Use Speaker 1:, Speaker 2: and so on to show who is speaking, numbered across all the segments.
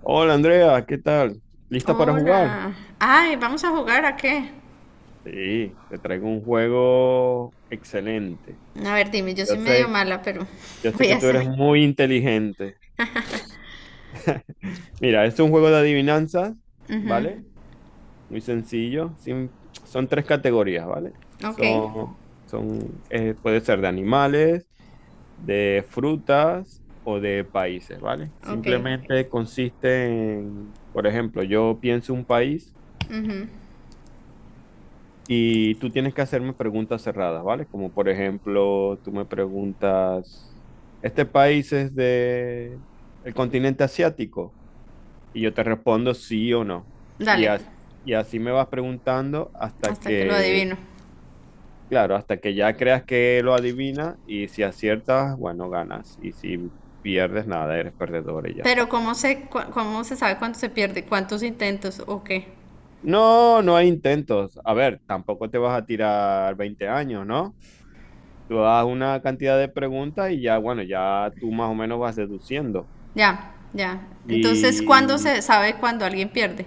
Speaker 1: Hola Andrea, ¿qué tal? ¿Lista para jugar?
Speaker 2: Hola. Ay, ¿vamos a jugar a qué?
Speaker 1: Sí, te traigo un juego excelente.
Speaker 2: A ver, dime, yo
Speaker 1: Yo
Speaker 2: soy medio
Speaker 1: sé,
Speaker 2: mala, pero
Speaker 1: yo sé
Speaker 2: voy a
Speaker 1: que tú
Speaker 2: hacer.
Speaker 1: eres muy inteligente. Mira, este es un juego de adivinanzas, ¿vale? Muy sencillo. Son tres categorías, ¿vale?
Speaker 2: Ok,
Speaker 1: Son, Puede ser de animales, de frutas o de países, ¿vale?
Speaker 2: ok.
Speaker 1: Simplemente consiste en, por ejemplo, yo pienso un país. Y tú tienes que hacerme preguntas cerradas, ¿vale? Como por ejemplo, tú me preguntas, ¿este país es de el continente asiático? Y yo te respondo sí o no. Y,
Speaker 2: Dale,
Speaker 1: as- y así me vas preguntando hasta
Speaker 2: hasta que lo
Speaker 1: que,
Speaker 2: adivino.
Speaker 1: claro, hasta que ya creas que lo adivinas, y si aciertas, bueno, ganas. Y si pierdes, nada, eres perdedor y ya
Speaker 2: Pero
Speaker 1: está.
Speaker 2: ¿cómo se, cómo se sabe cuándo se pierde? ¿Cuántos intentos? ¿O qué?
Speaker 1: No, no hay intentos. A ver, tampoco te vas a tirar 20 años, ¿no? Tú das una cantidad de preguntas y ya, bueno, ya tú más o menos vas deduciendo.
Speaker 2: Ya, ya. Entonces, ¿cuándo
Speaker 1: Y
Speaker 2: se sabe cuándo alguien pierde?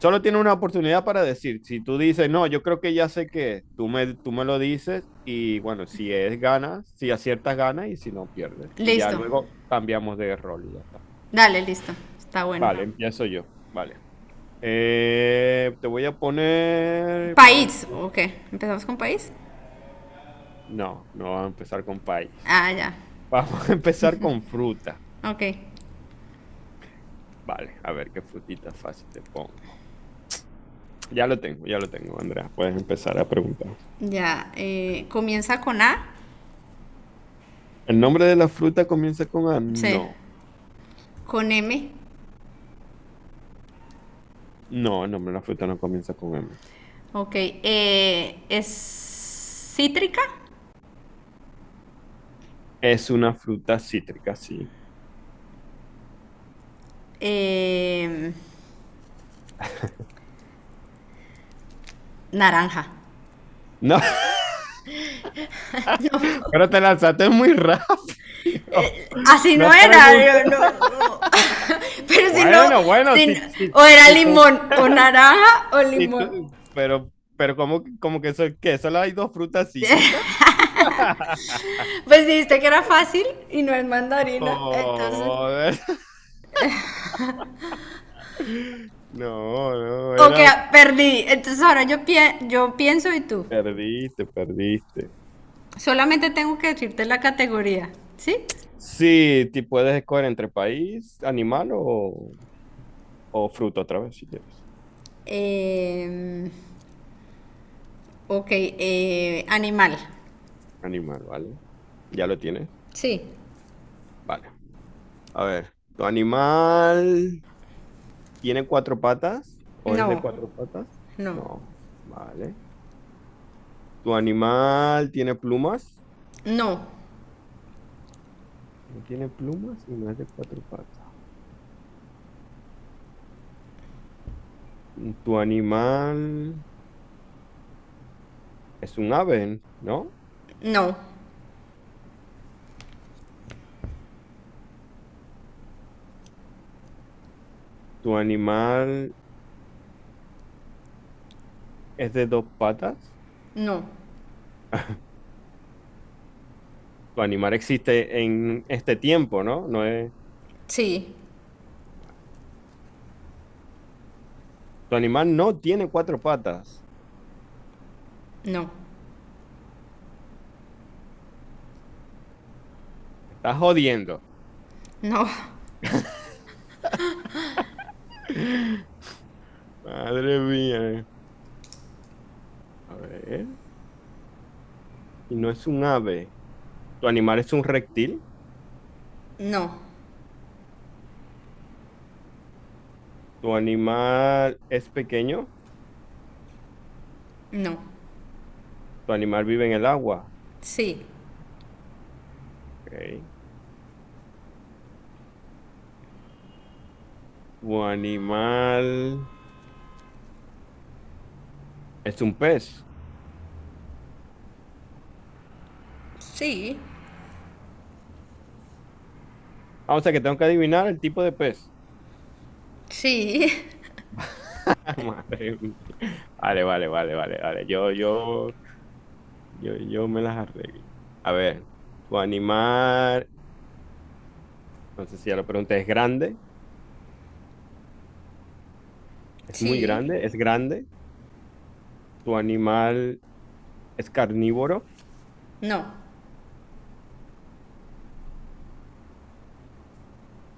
Speaker 1: solo tiene una oportunidad para decir, si tú dices, "no, yo creo que ya sé qué, es", tú me lo dices y bueno, si es ganas, si aciertas ganas y si no pierdes. Y ya
Speaker 2: Listo.
Speaker 1: luego cambiamos de rol y ya está.
Speaker 2: Dale, listo. Está bueno.
Speaker 1: Vale, empiezo yo. Vale. Te voy a poner para...
Speaker 2: País, ok. ¿Empezamos con país?
Speaker 1: No, no vamos a empezar con país.
Speaker 2: Ah, ya.
Speaker 1: Vamos a empezar con fruta.
Speaker 2: Ok.
Speaker 1: Vale, a ver qué frutita fácil te pongo. Ya lo tengo, Andrea. Puedes empezar a preguntar.
Speaker 2: Ya. ¿Comienza con A?
Speaker 1: ¿El nombre de la fruta comienza con A?
Speaker 2: Sí.
Speaker 1: No.
Speaker 2: ¿Con M?
Speaker 1: No, el nombre de la fruta no comienza con M.
Speaker 2: Ok, es cítrica,
Speaker 1: Es una fruta cítrica, sí.
Speaker 2: eh, naranja.
Speaker 1: No. Pero te lanzaste muy rápido.
Speaker 2: Así no
Speaker 1: No
Speaker 2: era,
Speaker 1: preguntes.
Speaker 2: yo no- pero si no,
Speaker 1: Bueno, bueno,
Speaker 2: si o era
Speaker 1: si tú,
Speaker 2: limón, o naranja, o
Speaker 1: si
Speaker 2: limón.
Speaker 1: tú- pero ¿cómo, cómo que eso, que solo hay dos frutas cítricas?
Speaker 2: Pues dijiste que era fácil y no es mandarina, entonces,
Speaker 1: Joder. No, no,
Speaker 2: ok,
Speaker 1: era
Speaker 2: perdí. Entonces ahora yo, yo pienso y tú.
Speaker 1: perdiste, perdiste.
Speaker 2: Solamente tengo que decirte la categoría, ¿sí?
Speaker 1: Sí, ti puedes escoger entre país, animal o fruta otra vez si quieres.
Speaker 2: Eh, ok, animal.
Speaker 1: Animal, ¿vale? ¿Ya lo tienes?
Speaker 2: Sí.
Speaker 1: Vale. A ver, ¿tu animal tiene cuatro patas o es de
Speaker 2: No.
Speaker 1: cuatro patas?
Speaker 2: No.
Speaker 1: No, vale. ¿Tu animal tiene plumas?
Speaker 2: No.
Speaker 1: No tiene plumas y no es de cuatro patas. ¿Tu animal es un ave, no?
Speaker 2: No.
Speaker 1: ¿Tu animal es de dos patas?
Speaker 2: No.
Speaker 1: Tu animal existe en este tiempo, ¿no? No es...
Speaker 2: Sí.
Speaker 1: Tu animal no tiene cuatro patas.
Speaker 2: No.
Speaker 1: Estás jodiendo.
Speaker 2: No.
Speaker 1: Madre mía. A ver. Y no es un ave. Tu animal es un reptil.
Speaker 2: No.
Speaker 1: Tu animal es pequeño.
Speaker 2: No.
Speaker 1: Tu animal vive en el agua.
Speaker 2: Sí.
Speaker 1: Ok. Tu animal es un pez.
Speaker 2: Sí.
Speaker 1: Ah, o sea que tengo que adivinar el tipo de pez.
Speaker 2: Sí.
Speaker 1: Madre mía. Vale, vale, vale, vale, vale. Yo me las arreglo. A ver, tu animal, no sé si ya lo pregunté, ¿es grande? ¿Es muy
Speaker 2: Sí.
Speaker 1: grande? ¿Es grande? ¿Tu animal es carnívoro?
Speaker 2: No.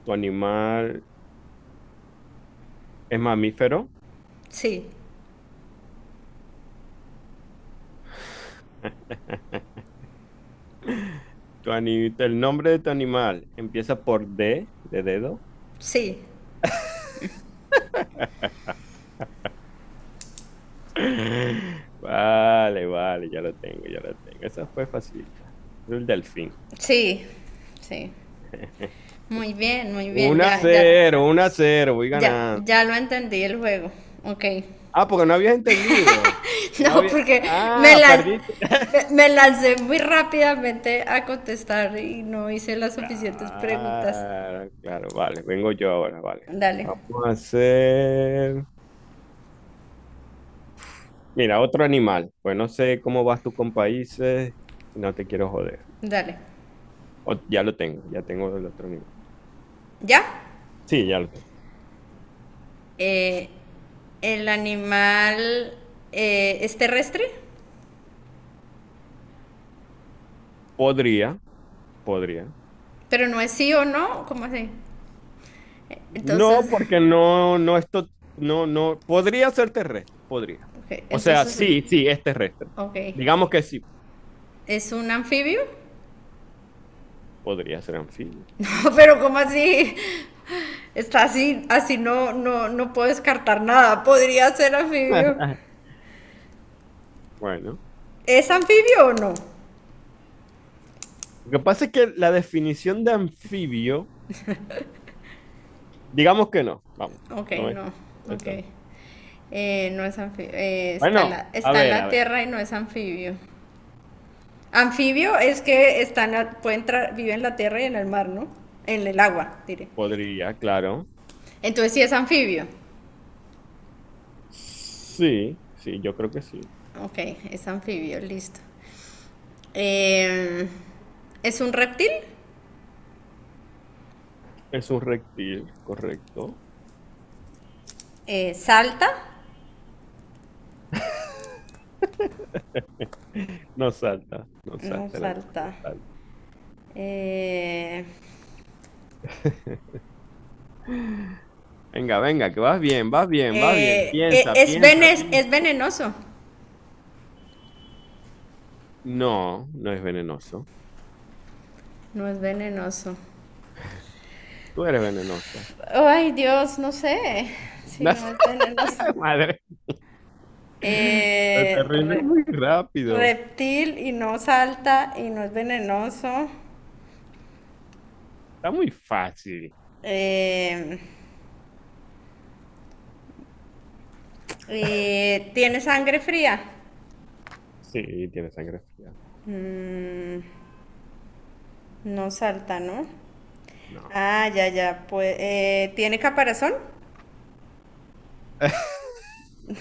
Speaker 1: ¿Tu animal es mamífero?
Speaker 2: Sí.
Speaker 1: ¿El nombre de tu animal empieza por D, de dedo?
Speaker 2: Sí.
Speaker 1: Vale, vale, ya lo tengo, ya lo tengo. Esa fue facilita. El delfín.
Speaker 2: Sí. Sí. Muy bien, muy bien.
Speaker 1: Un a
Speaker 2: Ya,
Speaker 1: 0, 1 a 0, voy
Speaker 2: ya,
Speaker 1: ganando.
Speaker 2: ya lo entendí el juego. Ok.
Speaker 1: Ah, porque no habías entendido. No
Speaker 2: No,
Speaker 1: había...
Speaker 2: porque me
Speaker 1: Ah,
Speaker 2: la...
Speaker 1: perdiste.
Speaker 2: Me lancé muy rápidamente a contestar y no hice las suficientes preguntas.
Speaker 1: Claro, claro, vale, vengo yo ahora, vale.
Speaker 2: Dale,
Speaker 1: Vamos a hacer, mira, otro animal. Pues no sé cómo vas tú con países, no te quiero joder.
Speaker 2: dale.
Speaker 1: Ya lo tengo, ya tengo el otro animal.
Speaker 2: ¿Ya?
Speaker 1: Sí, ya lo tengo.
Speaker 2: eh, el animal es terrestre,
Speaker 1: Podría, podría.
Speaker 2: pero no es sí o no, ¿cómo así?
Speaker 1: No,
Speaker 2: Entonces,
Speaker 1: porque esto, no, no, podría ser terrestre, podría.
Speaker 2: ok,
Speaker 1: O sea,
Speaker 2: entonces,
Speaker 1: sí, sí, es terrestre.
Speaker 2: ok,
Speaker 1: Digamos que sí,
Speaker 2: ¿es un anfibio?
Speaker 1: podría ser anfibio.
Speaker 2: No, pero ¿cómo así? Está así, así no, no puedo descartar nada, podría ser anfibio.
Speaker 1: Bueno,
Speaker 2: ¿Es anfibio o no?
Speaker 1: lo que pasa es que la definición de anfibio... Digamos que no. Vamos,
Speaker 2: Ok,
Speaker 1: no es.
Speaker 2: no,
Speaker 1: Eso.
Speaker 2: ok. No es anfibio, está,
Speaker 1: Bueno, a
Speaker 2: está en
Speaker 1: ver, a
Speaker 2: la
Speaker 1: ver.
Speaker 2: tierra y no es anfibio. Anfibio es que pueden vive en la tierra y en el mar, ¿no? En el agua, diré.
Speaker 1: Podría, claro.
Speaker 2: Entonces sí es anfibio.
Speaker 1: Sí, sí, yo creo que sí.
Speaker 2: Ok, es anfibio, listo. Eh, ¿Es un reptil?
Speaker 1: Es un reptil, correcto.
Speaker 2: ¿Salta?
Speaker 1: No salta, no
Speaker 2: No
Speaker 1: salta el animal, no
Speaker 2: salta.
Speaker 1: salta.
Speaker 2: Eh,
Speaker 1: Venga, venga, que vas bien, vas bien, vas bien. Piensa,
Speaker 2: ¿Es,
Speaker 1: piensa,
Speaker 2: ¿es
Speaker 1: piensa.
Speaker 2: venenoso?
Speaker 1: No, no es venenoso.
Speaker 2: No es venenoso.
Speaker 1: Tú eres venenosa.
Speaker 2: Ay, Dios, no sé. Sí, no es venenoso.
Speaker 1: Madre. Te
Speaker 2: Eh,
Speaker 1: rindes
Speaker 2: re-
Speaker 1: muy rápido.
Speaker 2: reptil y no salta y no es venenoso.
Speaker 1: Está muy fácil.
Speaker 2: Eh, ¿Tiene sangre fría?
Speaker 1: Sí, tiene sangre fría.
Speaker 2: Mm, no salta, ¿no?
Speaker 1: No.
Speaker 2: Ah, ya, ya. Pues, ¿tiene caparazón?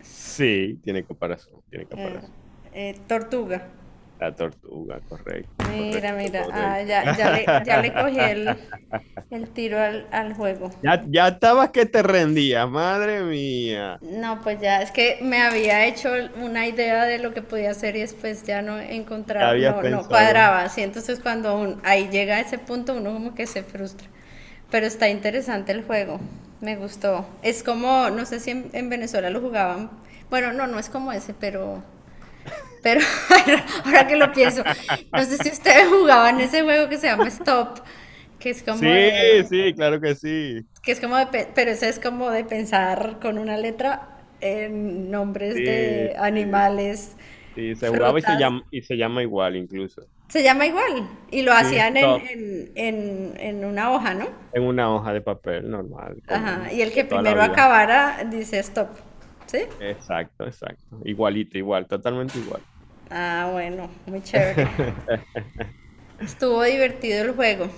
Speaker 1: Sí, tiene caparazón, tiene
Speaker 2: Eh,
Speaker 1: caparazón.
Speaker 2: tortuga.
Speaker 1: La tortuga, correcto,
Speaker 2: Mira,
Speaker 1: correcto,
Speaker 2: mira. Ah,
Speaker 1: correcto.
Speaker 2: ya, ya le cogí el tiro al, al juego.
Speaker 1: Ya, ya estabas que te rendías, madre mía.
Speaker 2: No, pues ya es que me había hecho una idea de lo que podía hacer y después ya no
Speaker 1: ¿Qué
Speaker 2: encontraba,
Speaker 1: habías
Speaker 2: no, no
Speaker 1: pensado?
Speaker 2: cuadraba. Así entonces ahí llega a ese punto uno como que se frustra. Pero está interesante el juego, me gustó. Es como, no sé si en Venezuela lo jugaban. Bueno, no, no es como ese, pero ahora que lo pienso, no sé si ustedes jugaban ese juego que se llama Stop, que es como
Speaker 1: Sí,
Speaker 2: de
Speaker 1: sí, claro que sí.
Speaker 2: que es como de, pero eso es como de pensar con una letra en nombres
Speaker 1: Sí,
Speaker 2: de
Speaker 1: sí,
Speaker 2: animales,
Speaker 1: sí, se jugaba
Speaker 2: frutas.
Speaker 1: y se llama igual incluso.
Speaker 2: Se llama igual y lo
Speaker 1: Sí,
Speaker 2: hacían
Speaker 1: stop,
Speaker 2: en una hoja, ¿no?
Speaker 1: en una hoja de papel normal,
Speaker 2: Ajá.
Speaker 1: común,
Speaker 2: Y el
Speaker 1: de
Speaker 2: que
Speaker 1: toda la
Speaker 2: primero
Speaker 1: vida.
Speaker 2: acabara dice stop. ¿Sí?
Speaker 1: Exacto, exacto. Igualito, igual, totalmente igual.
Speaker 2: Ah, bueno, muy chévere. Estuvo divertido el juego,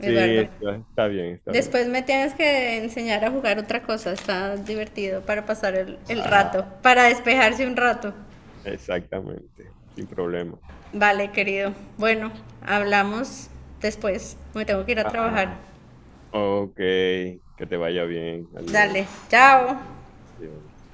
Speaker 1: Sí,
Speaker 2: Eduardo.
Speaker 1: está, está bien, está bien.
Speaker 2: Después me tienes que enseñar a jugar otra cosa, está divertido para pasar el rato,
Speaker 1: Ah,
Speaker 2: para despejarse un rato.
Speaker 1: exactamente, sin problema.
Speaker 2: Vale, querido. Bueno, hablamos después. Me tengo que ir a trabajar.
Speaker 1: Ah, ok, que te vaya bien. Adiós.
Speaker 2: Dale, chao.
Speaker 1: Adiós.